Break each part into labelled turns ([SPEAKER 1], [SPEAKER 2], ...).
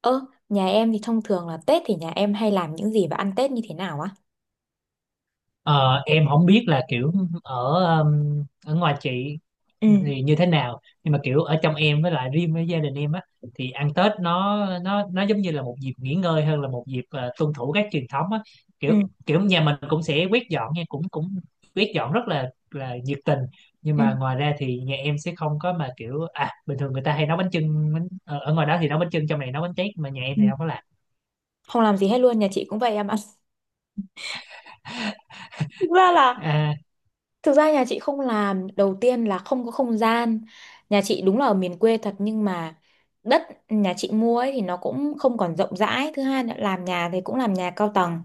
[SPEAKER 1] Ơ, nhà em thì thông thường là Tết thì nhà em hay làm những gì và ăn Tết như thế nào á?
[SPEAKER 2] Ờ, em không biết là kiểu ở ở ngoài chị
[SPEAKER 1] Ừ
[SPEAKER 2] thì như thế nào, nhưng mà kiểu ở trong em, với lại riêng với gia đình em á thì ăn Tết nó giống như là một dịp nghỉ ngơi hơn là một dịp tuân thủ các truyền thống á. kiểu
[SPEAKER 1] ừ,
[SPEAKER 2] kiểu nhà mình cũng sẽ quét dọn nha, cũng cũng quét dọn rất là nhiệt tình, nhưng
[SPEAKER 1] ừ,
[SPEAKER 2] mà ngoài ra thì nhà em sẽ không có, mà kiểu à, bình thường người ta hay nấu bánh chưng bánh, ở ngoài đó thì nấu bánh chưng, trong này nấu bánh tét, mà nhà em
[SPEAKER 1] ừ.
[SPEAKER 2] thì không có làm.
[SPEAKER 1] Không làm gì hết luôn, nhà chị cũng vậy em ạ. Thực ra là,
[SPEAKER 2] À,
[SPEAKER 1] thực ra nhà chị không làm, đầu tiên là không có không gian. Nhà chị đúng là ở miền quê thật nhưng mà đất nhà chị mua ấy thì nó cũng không còn rộng rãi. Thứ hai là làm nhà thì cũng làm nhà cao tầng,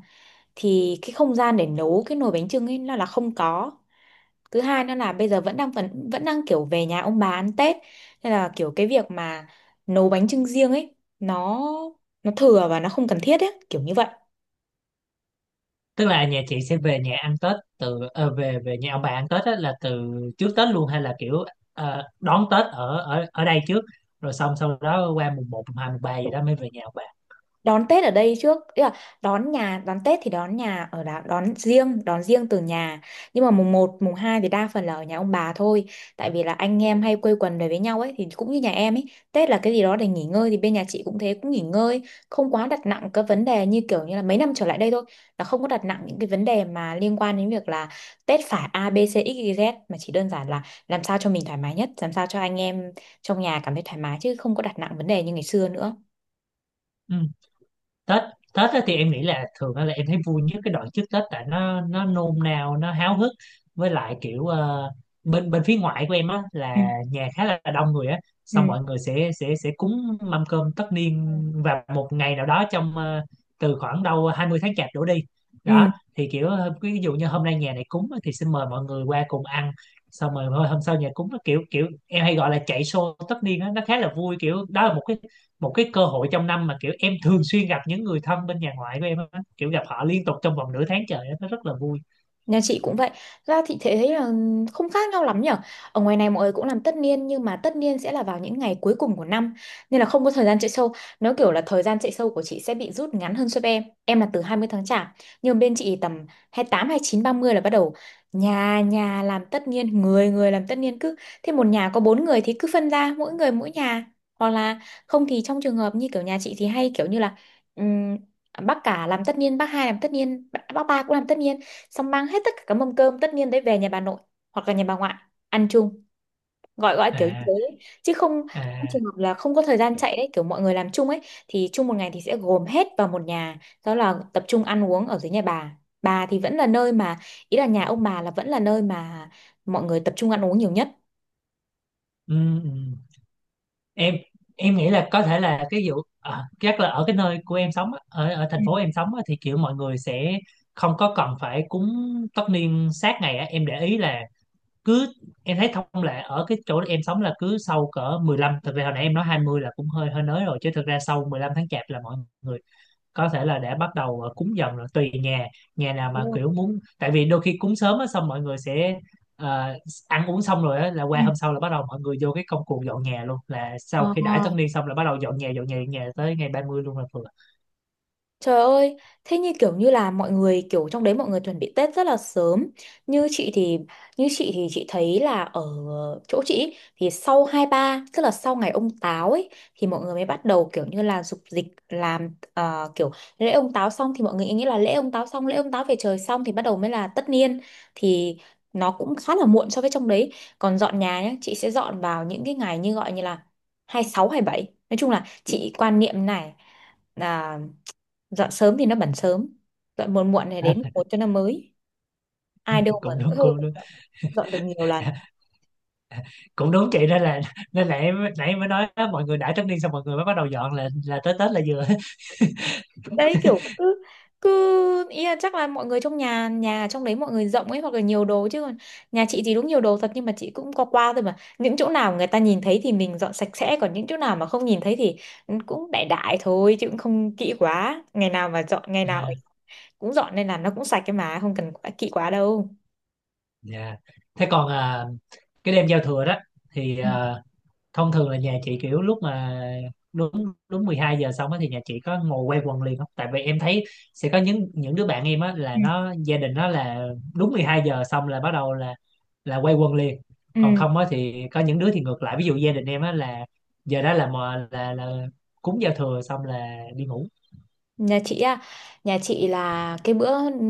[SPEAKER 1] thì cái không gian để nấu cái nồi bánh chưng ấy là không có. Thứ hai nữa là bây giờ vẫn đang kiểu về nhà ông bà ăn Tết, nên là kiểu cái việc mà nấu bánh chưng riêng ấy nó thừa và nó không cần thiết ấy, kiểu như vậy.
[SPEAKER 2] tức là nhà chị sẽ về nhà ăn Tết từ về về nhà ông bà ăn Tết á, là từ trước Tết luôn, hay là kiểu đón Tết ở ở ở đây trước rồi xong sau đó qua mùng một, mùng hai, mùng 3 gì đó mới về nhà ông bà.
[SPEAKER 1] Đón Tết ở đây trước tức là đón nhà, đón Tết thì đón nhà ở đó, đón riêng, đón riêng từ nhà, nhưng mà mùng một mùng 2 thì đa phần là ở nhà ông bà thôi, tại vì là anh em hay quây quần về với nhau ấy, thì cũng như nhà em ấy, Tết là cái gì đó để nghỉ ngơi, thì bên nhà chị cũng thế, cũng nghỉ ngơi, không quá đặt nặng các vấn đề như kiểu như là mấy năm trở lại đây thôi, là không có đặt nặng những cái vấn đề mà liên quan đến việc là Tết phải A B C X Y Z, mà chỉ đơn giản là làm sao cho mình thoải mái nhất, làm sao cho anh em trong nhà cảm thấy thoải mái, chứ không có đặt nặng vấn đề như ngày xưa nữa.
[SPEAKER 2] Ừ. Tết Tết á thì em nghĩ là thường á là em thấy vui nhất cái đoạn trước Tết, tại nó nôn nao, nó háo hức, với lại kiểu bên bên phía ngoại của em á
[SPEAKER 1] Ừ.
[SPEAKER 2] là nhà khá là đông người á, xong mọi người sẽ sẽ cúng mâm cơm tất
[SPEAKER 1] Ừ.
[SPEAKER 2] niên vào một ngày nào đó trong từ khoảng đâu 20 tháng chạp đổ đi.
[SPEAKER 1] Ừ,
[SPEAKER 2] Đó thì kiểu ví dụ như hôm nay nhà này cúng á, thì xin mời mọi người qua cùng ăn, xong rồi thôi hôm sau nhà cúng, nó kiểu kiểu em hay gọi là chạy show tất niên á, nó khá là vui. Kiểu đó là một cái cơ hội trong năm mà kiểu em thường xuyên gặp những người thân bên nhà ngoại của em á, kiểu gặp họ liên tục trong vòng nửa tháng trời á, nó rất là vui.
[SPEAKER 1] nhà chị cũng vậy. Ra thì thế thấy là không khác nhau lắm nhở. Ở ngoài này mọi người cũng làm tất niên, nhưng mà tất niên sẽ là vào những ngày cuối cùng của năm, nên là không có thời gian chạy sâu. Nó kiểu là thời gian chạy sâu của chị sẽ bị rút ngắn hơn so với em. Em là từ 20 tháng chạp, nhưng bên chị tầm hai hai tám, hai mươi chín, ba mươi là bắt đầu nhà nhà làm tất niên, người người làm tất niên, cứ thế một nhà có bốn người thì cứ phân ra mỗi người mỗi nhà, hoặc là không thì trong trường hợp như kiểu nhà chị thì hay kiểu như là ừm, bác cả làm tất niên, bác hai làm tất niên, bác ba cũng làm tất niên, xong mang hết tất cả các mâm cơm tất niên đấy về nhà bà nội hoặc là nhà bà ngoại ăn chung, gọi gọi kiểu như
[SPEAKER 2] À,
[SPEAKER 1] thế, chứ không, không
[SPEAKER 2] à,
[SPEAKER 1] trường hợp là không có thời gian chạy đấy, kiểu mọi người làm chung ấy, thì chung một ngày thì sẽ gồm hết vào một nhà, đó là tập trung ăn uống ở dưới nhà bà. Bà thì vẫn là nơi mà, ý là nhà ông bà là vẫn là nơi mà mọi người tập trung ăn uống nhiều nhất.
[SPEAKER 2] ừ, ừ. em em nghĩ là có thể là cái vụ à, chắc là ở cái nơi của em sống á, ở ở thành
[SPEAKER 1] Ừ,
[SPEAKER 2] phố em sống á, thì kiểu mọi người sẽ không có cần phải cúng tất niên sát ngày á. Em để ý là cứ, em thấy thông lệ ở cái chỗ em sống là cứ sau cỡ mười lăm, thực ra hồi nãy em nói 20 là cũng hơi hơi nới rồi, chứ thực ra sau 15 tháng chạp là mọi người có thể là để bắt đầu cúng dần rồi, tùy nhà. Nhà nào mà
[SPEAKER 1] đúng rồi.
[SPEAKER 2] kiểu muốn, tại vì đôi khi cúng sớm á, xong mọi người sẽ ờ, ăn uống xong rồi á là
[SPEAKER 1] Ừ.
[SPEAKER 2] qua hôm sau là bắt đầu mọi người vô cái công cuộc dọn nhà luôn, là
[SPEAKER 1] Ờ.
[SPEAKER 2] sau khi đãi tân niên xong là bắt đầu dọn nhà dọn nhà tới ngày ba mươi luôn là vừa.
[SPEAKER 1] Trời ơi, thế như kiểu như là mọi người kiểu trong đấy mọi người chuẩn bị Tết rất là sớm. Như chị thì Như chị thì chị thấy là ở chỗ chị ý, thì sau hai ba, tức là sau ngày ông Táo ấy, thì mọi người mới bắt đầu kiểu như là dục dịch làm kiểu lễ ông Táo xong thì mọi người nghĩ là lễ ông Táo xong, lễ ông Táo về trời xong thì bắt đầu mới là tất niên, thì nó cũng khá là muộn so với trong đấy. Còn dọn nhà nhá, chị sẽ dọn vào những cái ngày như gọi như là 26, bảy. Nói chung là chị quan niệm này, dọn sớm thì nó bẩn sớm, dọn muộn muộn này đến một cho nó mới, ai đâu mà
[SPEAKER 2] Cũng đúng,
[SPEAKER 1] dỗi hơi
[SPEAKER 2] cũng
[SPEAKER 1] mà
[SPEAKER 2] đúng.
[SPEAKER 1] dọn, dọn được nhiều lần.
[SPEAKER 2] Cũng đúng chị, nên là em nãy mới nói á, mọi người đãi tân niên xong mọi người mới bắt đầu dọn là tới Tết là vừa.
[SPEAKER 1] Đấy kiểu cứ cứ ý là chắc là mọi người trong nhà nhà trong đấy mọi người rộng ấy hoặc là nhiều đồ, chứ còn nhà chị thì đúng nhiều đồ thật, nhưng mà chị cũng qua qua thôi, mà những chỗ nào người ta nhìn thấy thì mình dọn sạch sẽ, còn những chỗ nào mà không nhìn thấy thì cũng đại đại thôi chứ cũng không kỹ quá, ngày nào mà dọn, ngày nào
[SPEAKER 2] À,
[SPEAKER 1] cũng dọn, nên là nó cũng sạch, cái mà không cần quá kỹ quá đâu.
[SPEAKER 2] dạ. Thế còn à, cái đêm giao thừa đó thì à, thông thường là nhà chị kiểu lúc mà đúng đúng 12 giờ xong á thì nhà chị có ngồi quay quần liền không, tại vì em thấy sẽ có những đứa bạn em á là
[SPEAKER 1] Ừ.
[SPEAKER 2] nó gia đình nó là đúng 12 giờ xong là bắt đầu là quay quần liền. Còn
[SPEAKER 1] Ừ.
[SPEAKER 2] không á thì có những đứa thì ngược lại, ví dụ gia đình em á là giờ đó là mò là cúng giao thừa xong là đi ngủ.
[SPEAKER 1] Nhà chị á, nhà chị là cái bữa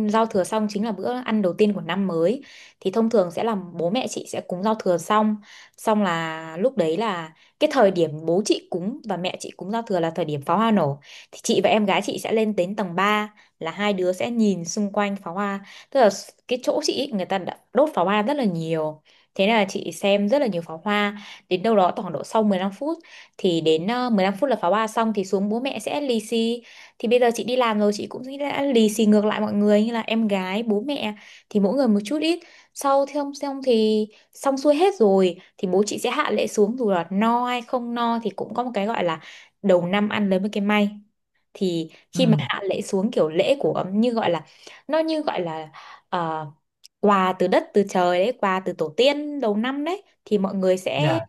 [SPEAKER 1] giao thừa xong chính là bữa ăn đầu tiên của năm mới. Thì thông thường sẽ là bố mẹ chị sẽ cúng giao thừa xong, xong là lúc đấy là cái thời điểm bố chị cúng và mẹ chị cúng giao thừa là thời điểm pháo hoa nổ. Thì chị và em gái chị sẽ lên đến tầng ba, là hai đứa sẽ nhìn xung quanh pháo hoa. Tức là cái chỗ chị ý, người ta đã đốt pháo hoa rất là nhiều. Thế nên là chị xem rất là nhiều pháo hoa. Đến đâu đó khoảng độ sau 15 phút, thì đến 15 phút là pháo hoa xong, thì xuống bố mẹ sẽ lì xì. Thì bây giờ chị đi làm rồi, chị cũng đã lì xì ngược lại mọi người như là em gái, bố mẹ, thì mỗi người một chút ít. Sau thì không, xong thì xong xuôi hết rồi thì bố chị sẽ hạ lễ xuống, dù là no hay không no thì cũng có một cái gọi là đầu năm ăn lấy một cái may. Thì
[SPEAKER 2] Ừ,
[SPEAKER 1] khi mà hạ lễ xuống kiểu lễ của như gọi là, nó như gọi là, ờ, quà từ đất từ trời đấy, quà từ tổ tiên đầu năm đấy, thì mọi người sẽ
[SPEAKER 2] dạ,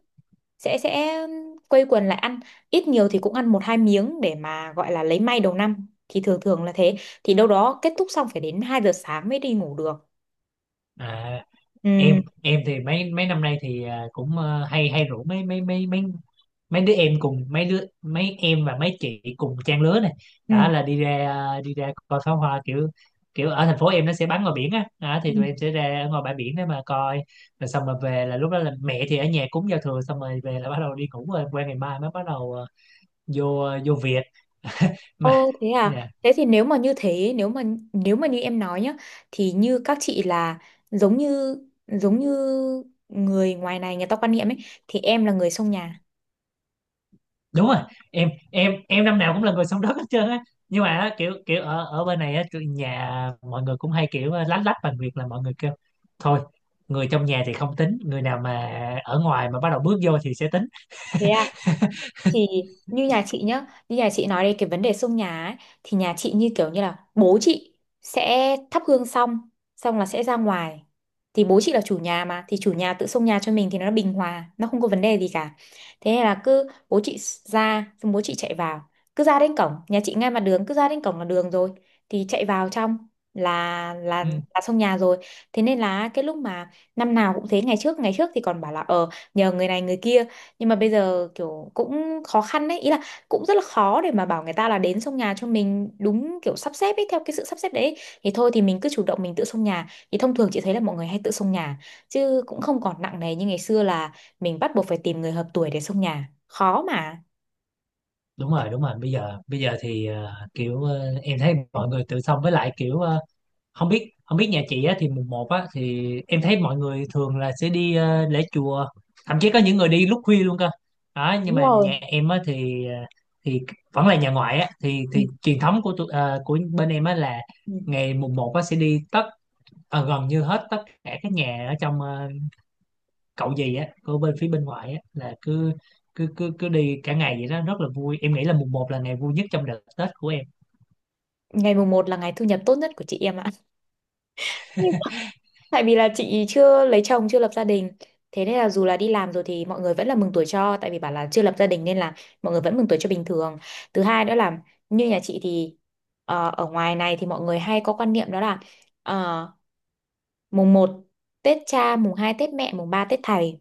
[SPEAKER 1] sẽ quây quần lại ăn, ít nhiều thì cũng ăn một hai miếng để mà gọi là lấy may đầu năm, thì thường thường là thế. Thì đâu đó kết thúc xong phải đến 2 giờ sáng mới đi ngủ được.
[SPEAKER 2] à. em
[SPEAKER 1] Ừ.
[SPEAKER 2] em thì mấy mấy năm nay thì à, cũng hay hay rủ mấy mấy mấy mấy mấy đứa em cùng mấy đứa, mấy em và mấy chị cùng trang lứa này,
[SPEAKER 1] Ừ.
[SPEAKER 2] đó là đi ra à, đi ra coi pháo hoa, kiểu kiểu ở thành phố em nó sẽ bắn ngoài biển á đó,
[SPEAKER 1] Ừ.
[SPEAKER 2] thì tụi em sẽ ra ngoài bãi biển để mà coi. Rồi xong rồi về là lúc đó là mẹ thì ở nhà cúng giao thừa xong rồi về là bắt đầu đi ngủ, rồi qua ngày mai mới bắt đầu vô vô việc mà.
[SPEAKER 1] Ô thế
[SPEAKER 2] Dạ.
[SPEAKER 1] à, thế thì nếu mà như thế, nếu mà như em nói nhá, thì như các chị là giống như, giống như người ngoài này người ta quan niệm ấy, thì em là người xông nhà.
[SPEAKER 2] Đúng rồi, em năm nào cũng là người sống đất hết trơn á, nhưng mà á, kiểu kiểu ở ở bên này á tụi nhà mọi người cũng hay kiểu lách lách bằng việc là mọi người kêu thôi, người trong nhà thì không tính, người nào mà ở ngoài mà bắt đầu bước vô thì sẽ tính.
[SPEAKER 1] Thế à? Thì như nhà chị nhá, như nhà chị nói đây cái vấn đề xông nhà ấy, thì nhà chị như kiểu như là bố chị sẽ thắp hương xong, xong là sẽ ra ngoài, thì bố chị là chủ nhà mà, thì chủ nhà tự xông nhà cho mình thì nó bình hòa, nó không có vấn đề gì cả. Thế nên là cứ bố chị ra, xong bố chị chạy vào, cứ ra đến cổng, nhà chị ngay mặt đường, cứ ra đến cổng là đường rồi, thì chạy vào trong là
[SPEAKER 2] Ừ,
[SPEAKER 1] xông nhà rồi. Thế nên là cái lúc mà năm nào cũng thế, ngày trước, thì còn bảo là ờ nhờ người này người kia, nhưng mà bây giờ kiểu cũng khó khăn đấy, ý là cũng rất là khó để mà bảo người ta là đến xông nhà cho mình đúng kiểu sắp xếp ấy, theo cái sự sắp xếp đấy, thì thôi thì mình cứ chủ động mình tự xông nhà, thì thông thường chị thấy là mọi người hay tự xông nhà, chứ cũng không còn nặng nề như ngày xưa là mình bắt buộc phải tìm người hợp tuổi để xông nhà, khó mà.
[SPEAKER 2] đúng rồi đúng rồi, bây giờ thì kiểu em thấy mọi người tự xong, với lại kiểu không biết nhà chị á thì mùng một á thì em thấy mọi người thường là sẽ đi lễ chùa, thậm chí có những người đi lúc khuya luôn cơ đó. Nhưng
[SPEAKER 1] Đúng
[SPEAKER 2] mà
[SPEAKER 1] rồi.
[SPEAKER 2] nhà em á thì thì vẫn là nhà ngoại á thì
[SPEAKER 1] Ừ.
[SPEAKER 2] thì truyền thống của tụi- của bên em á là
[SPEAKER 1] Ừ.
[SPEAKER 2] ngày mùng một á sẽ đi tất gần như hết tất cả các nhà ở trong cậu gì á của bên phía bên ngoại á, là cứ cứ cứ cứ đi cả ngày vậy đó, rất là vui. Em nghĩ là mùng một là ngày vui nhất trong đợt Tết của em.
[SPEAKER 1] Ngày mùng một là ngày thu nhập tốt nhất của chị em ạ. Tại vì là chị chưa lấy chồng, chưa lập gia đình. Thế nên là dù là đi làm rồi thì mọi người vẫn là mừng tuổi cho. Tại vì bảo là chưa lập gia đình nên là mọi người vẫn mừng tuổi cho bình thường. Thứ hai nữa là như nhà chị thì, ờ, ở ngoài này thì mọi người hay có quan niệm đó là, ờ, mùng một Tết cha, mùng 2 Tết mẹ, mùng 3 Tết thầy.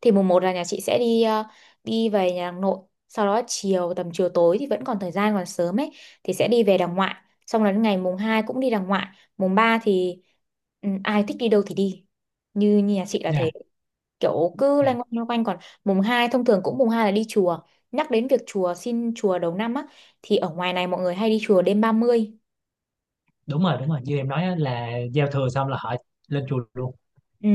[SPEAKER 1] Thì mùng một là nhà chị sẽ đi đi về nhà hàng nội, sau đó chiều tầm chiều tối thì vẫn còn thời gian còn sớm ấy thì sẽ đi về đàng ngoại, xong đến ngày mùng 2 cũng đi đàng ngoại, mùng 3 thì, ừ, ai thích đi đâu thì đi. Như nhà chị là thế,
[SPEAKER 2] Nha,
[SPEAKER 1] kiểu cứ loanh quanh loanh quanh. Còn mùng 2 thông thường cũng, mùng 2 là đi chùa. Nhắc đến việc chùa, xin chùa đầu năm á, thì ở ngoài này mọi người hay đi chùa đêm ba mươi.
[SPEAKER 2] đúng rồi đúng rồi, như em nói á, là giao thừa xong là họ lên chùa luôn.
[SPEAKER 1] Ừ,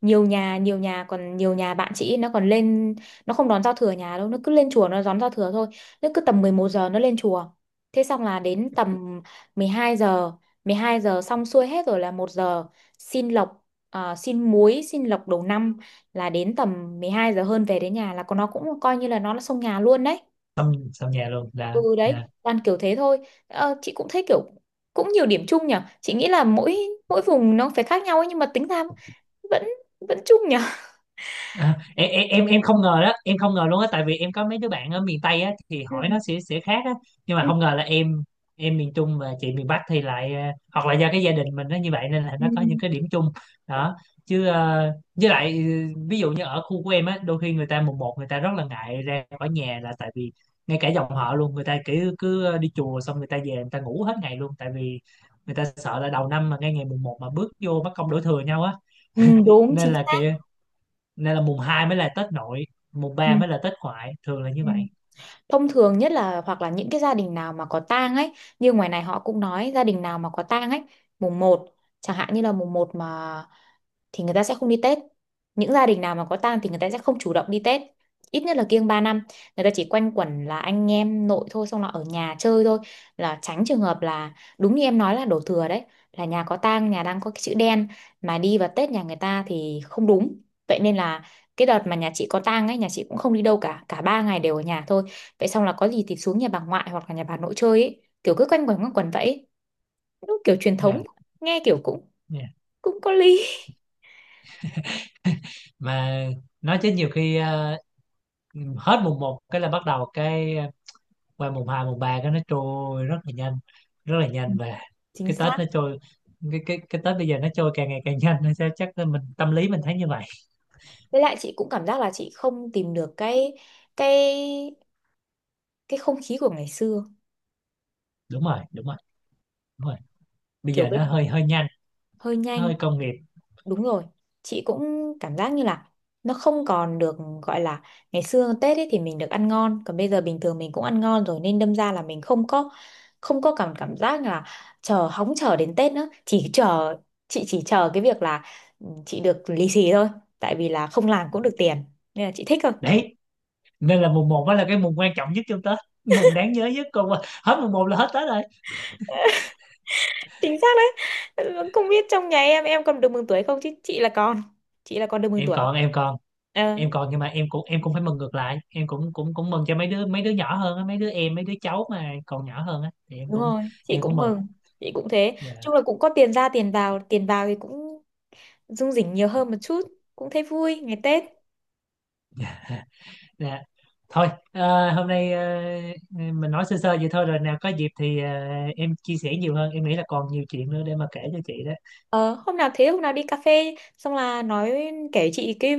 [SPEAKER 1] nhiều nhà, còn nhiều nhà bạn chị ấy, nó còn lên, nó không đón giao thừa nhà đâu, nó cứ lên chùa nó đón giao thừa thôi. Nó cứ tầm 11 giờ nó lên chùa, thế xong là đến tầm 12 giờ, xong xuôi hết rồi là một giờ, xin lộc, à, xin muối xin lộc đầu năm, là đến tầm 12 giờ hơn về đến nhà, là còn nó cũng coi như là nó là xông nhà luôn đấy.
[SPEAKER 2] Xong xong nhà luôn là
[SPEAKER 1] Ừ đấy,
[SPEAKER 2] à.
[SPEAKER 1] toàn kiểu thế thôi. Ờ, chị cũng thấy kiểu cũng nhiều điểm chung nhỉ. Chị nghĩ là mỗi mỗi vùng nó phải khác nhau ấy, nhưng mà tính ra vẫn vẫn chung nhỉ.
[SPEAKER 2] À, em không ngờ đó, em không ngờ luôn á, tại vì em có mấy đứa bạn ở miền Tây á thì
[SPEAKER 1] Ừ.
[SPEAKER 2] hỏi nó sẽ khác á, nhưng mà
[SPEAKER 1] Ừ.
[SPEAKER 2] không ngờ là em miền Trung và chị miền Bắc thì lại hoặc là do cái gia đình mình nó như vậy nên là
[SPEAKER 1] Ừ.
[SPEAKER 2] nó có những cái điểm chung đó. Chứ với lại ừ, ví dụ như ở khu của em á đôi khi người ta mùng một người ta rất là ngại ra khỏi nhà, là tại vì ngay cả dòng họ luôn, người ta cứ cứ đi chùa xong người ta về người ta ngủ hết ngày luôn, tại vì người ta sợ là đầu năm mà ngay ngày mùng một mà bước vô mất công đổ thừa nhau á.
[SPEAKER 1] Ừ, đúng
[SPEAKER 2] nên
[SPEAKER 1] chính
[SPEAKER 2] là
[SPEAKER 1] xác.
[SPEAKER 2] kiểu nên là mùng 2 mới là Tết nội, mùng
[SPEAKER 1] Ừ.
[SPEAKER 2] ba mới là Tết ngoại, thường là như
[SPEAKER 1] Ừ.
[SPEAKER 2] vậy.
[SPEAKER 1] Thông thường nhất là hoặc là những cái gia đình nào mà có tang ấy, như ngoài này họ cũng nói gia đình nào mà có tang ấy, mùng một, chẳng hạn như là mùng một mà, thì người ta sẽ không đi Tết, những gia đình nào mà có tang thì người ta sẽ không chủ động đi Tết, ít nhất là kiêng 3 năm. Người ta chỉ quanh quẩn là anh em nội thôi, xong là ở nhà chơi thôi, là tránh trường hợp là đúng như em nói là đổ thừa đấy, là nhà có tang, nhà đang có cái chữ đen mà đi vào Tết nhà người ta thì không đúng. Vậy nên là cái đợt mà nhà chị có tang ấy, nhà chị cũng không đi đâu cả, cả ba ngày đều ở nhà thôi. Vậy xong là có gì thì xuống nhà bà ngoại hoặc là nhà bà nội chơi ấy, kiểu cứ quanh quẩn vậy ấy. Nó kiểu truyền thống,
[SPEAKER 2] Nha,
[SPEAKER 1] nghe kiểu cũng
[SPEAKER 2] nha.
[SPEAKER 1] cũng có lý.
[SPEAKER 2] Mà nói chứ nhiều khi hết mùng một cái là bắt đầu cái qua mùng 2, mùng 3 cái nó trôi rất là nhanh, rất là
[SPEAKER 1] Ừ,
[SPEAKER 2] nhanh. Và
[SPEAKER 1] chính
[SPEAKER 2] cái Tết
[SPEAKER 1] xác.
[SPEAKER 2] nó trôi, cái Tết bây giờ nó trôi càng ngày càng nhanh hay sao, chắc là mình tâm lý mình thấy như vậy.
[SPEAKER 1] Với lại chị cũng cảm giác là chị không tìm được cái cái cái không khí của ngày xưa.
[SPEAKER 2] Đúng rồi đúng rồi đúng rồi Bây
[SPEAKER 1] Kiểu
[SPEAKER 2] giờ
[SPEAKER 1] cái
[SPEAKER 2] nó hơi hơi nhanh,
[SPEAKER 1] hơi
[SPEAKER 2] nó
[SPEAKER 1] nhanh.
[SPEAKER 2] hơi công nghiệp.
[SPEAKER 1] Đúng rồi, chị cũng cảm giác như là nó không còn được gọi là ngày xưa. Tết ấy thì mình được ăn ngon, còn bây giờ bình thường mình cũng ăn ngon rồi, nên đâm ra là mình không có, không có cảm cảm giác là chờ, hóng chờ đến Tết nữa, chỉ chờ, chị chỉ chờ cái việc là, ừ, chị được lì xì thôi, tại vì là không làm cũng được tiền, nên là chị thích thôi.
[SPEAKER 2] Đấy, nên là mùng một mới là cái mùng quan trọng nhất trong Tết, mùng đáng nhớ nhất, còn qua- hết mùng một là hết Tết rồi.
[SPEAKER 1] Chính xác đấy. Ừ, không biết trong nhà em còn được mừng tuổi không, chứ chị là con, chị là con được mừng
[SPEAKER 2] em
[SPEAKER 1] tuổi.
[SPEAKER 2] còn em còn
[SPEAKER 1] Ờ,
[SPEAKER 2] em còn nhưng mà em cũng, em cũng phải mừng ngược lại, em cũng cũng cũng mừng cho mấy đứa nhỏ hơn á, mấy đứa em, mấy đứa cháu mà còn nhỏ hơn á thì em
[SPEAKER 1] đúng
[SPEAKER 2] cũng,
[SPEAKER 1] rồi, chị
[SPEAKER 2] em cũng
[SPEAKER 1] cũng
[SPEAKER 2] mừng.
[SPEAKER 1] mừng, chị cũng thế. Chung
[SPEAKER 2] Dạ,
[SPEAKER 1] là cũng có tiền ra tiền vào, tiền vào thì cũng rung rỉnh nhiều hơn một chút, cũng thấy vui ngày Tết.
[SPEAKER 2] dạ. Thôi hôm nay mình nói sơ sơ vậy thôi, rồi nào có dịp thì em chia sẻ nhiều hơn, em nghĩ là còn nhiều chuyện nữa để mà kể cho chị đó.
[SPEAKER 1] Ờ, hôm nào, thế hôm nào đi cà phê xong là nói, kể chị cái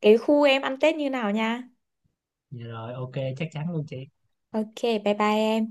[SPEAKER 1] khu em ăn Tết như nào nha.
[SPEAKER 2] Dạ rồi, ok, chắc chắn luôn chị.
[SPEAKER 1] Ok bye bye em.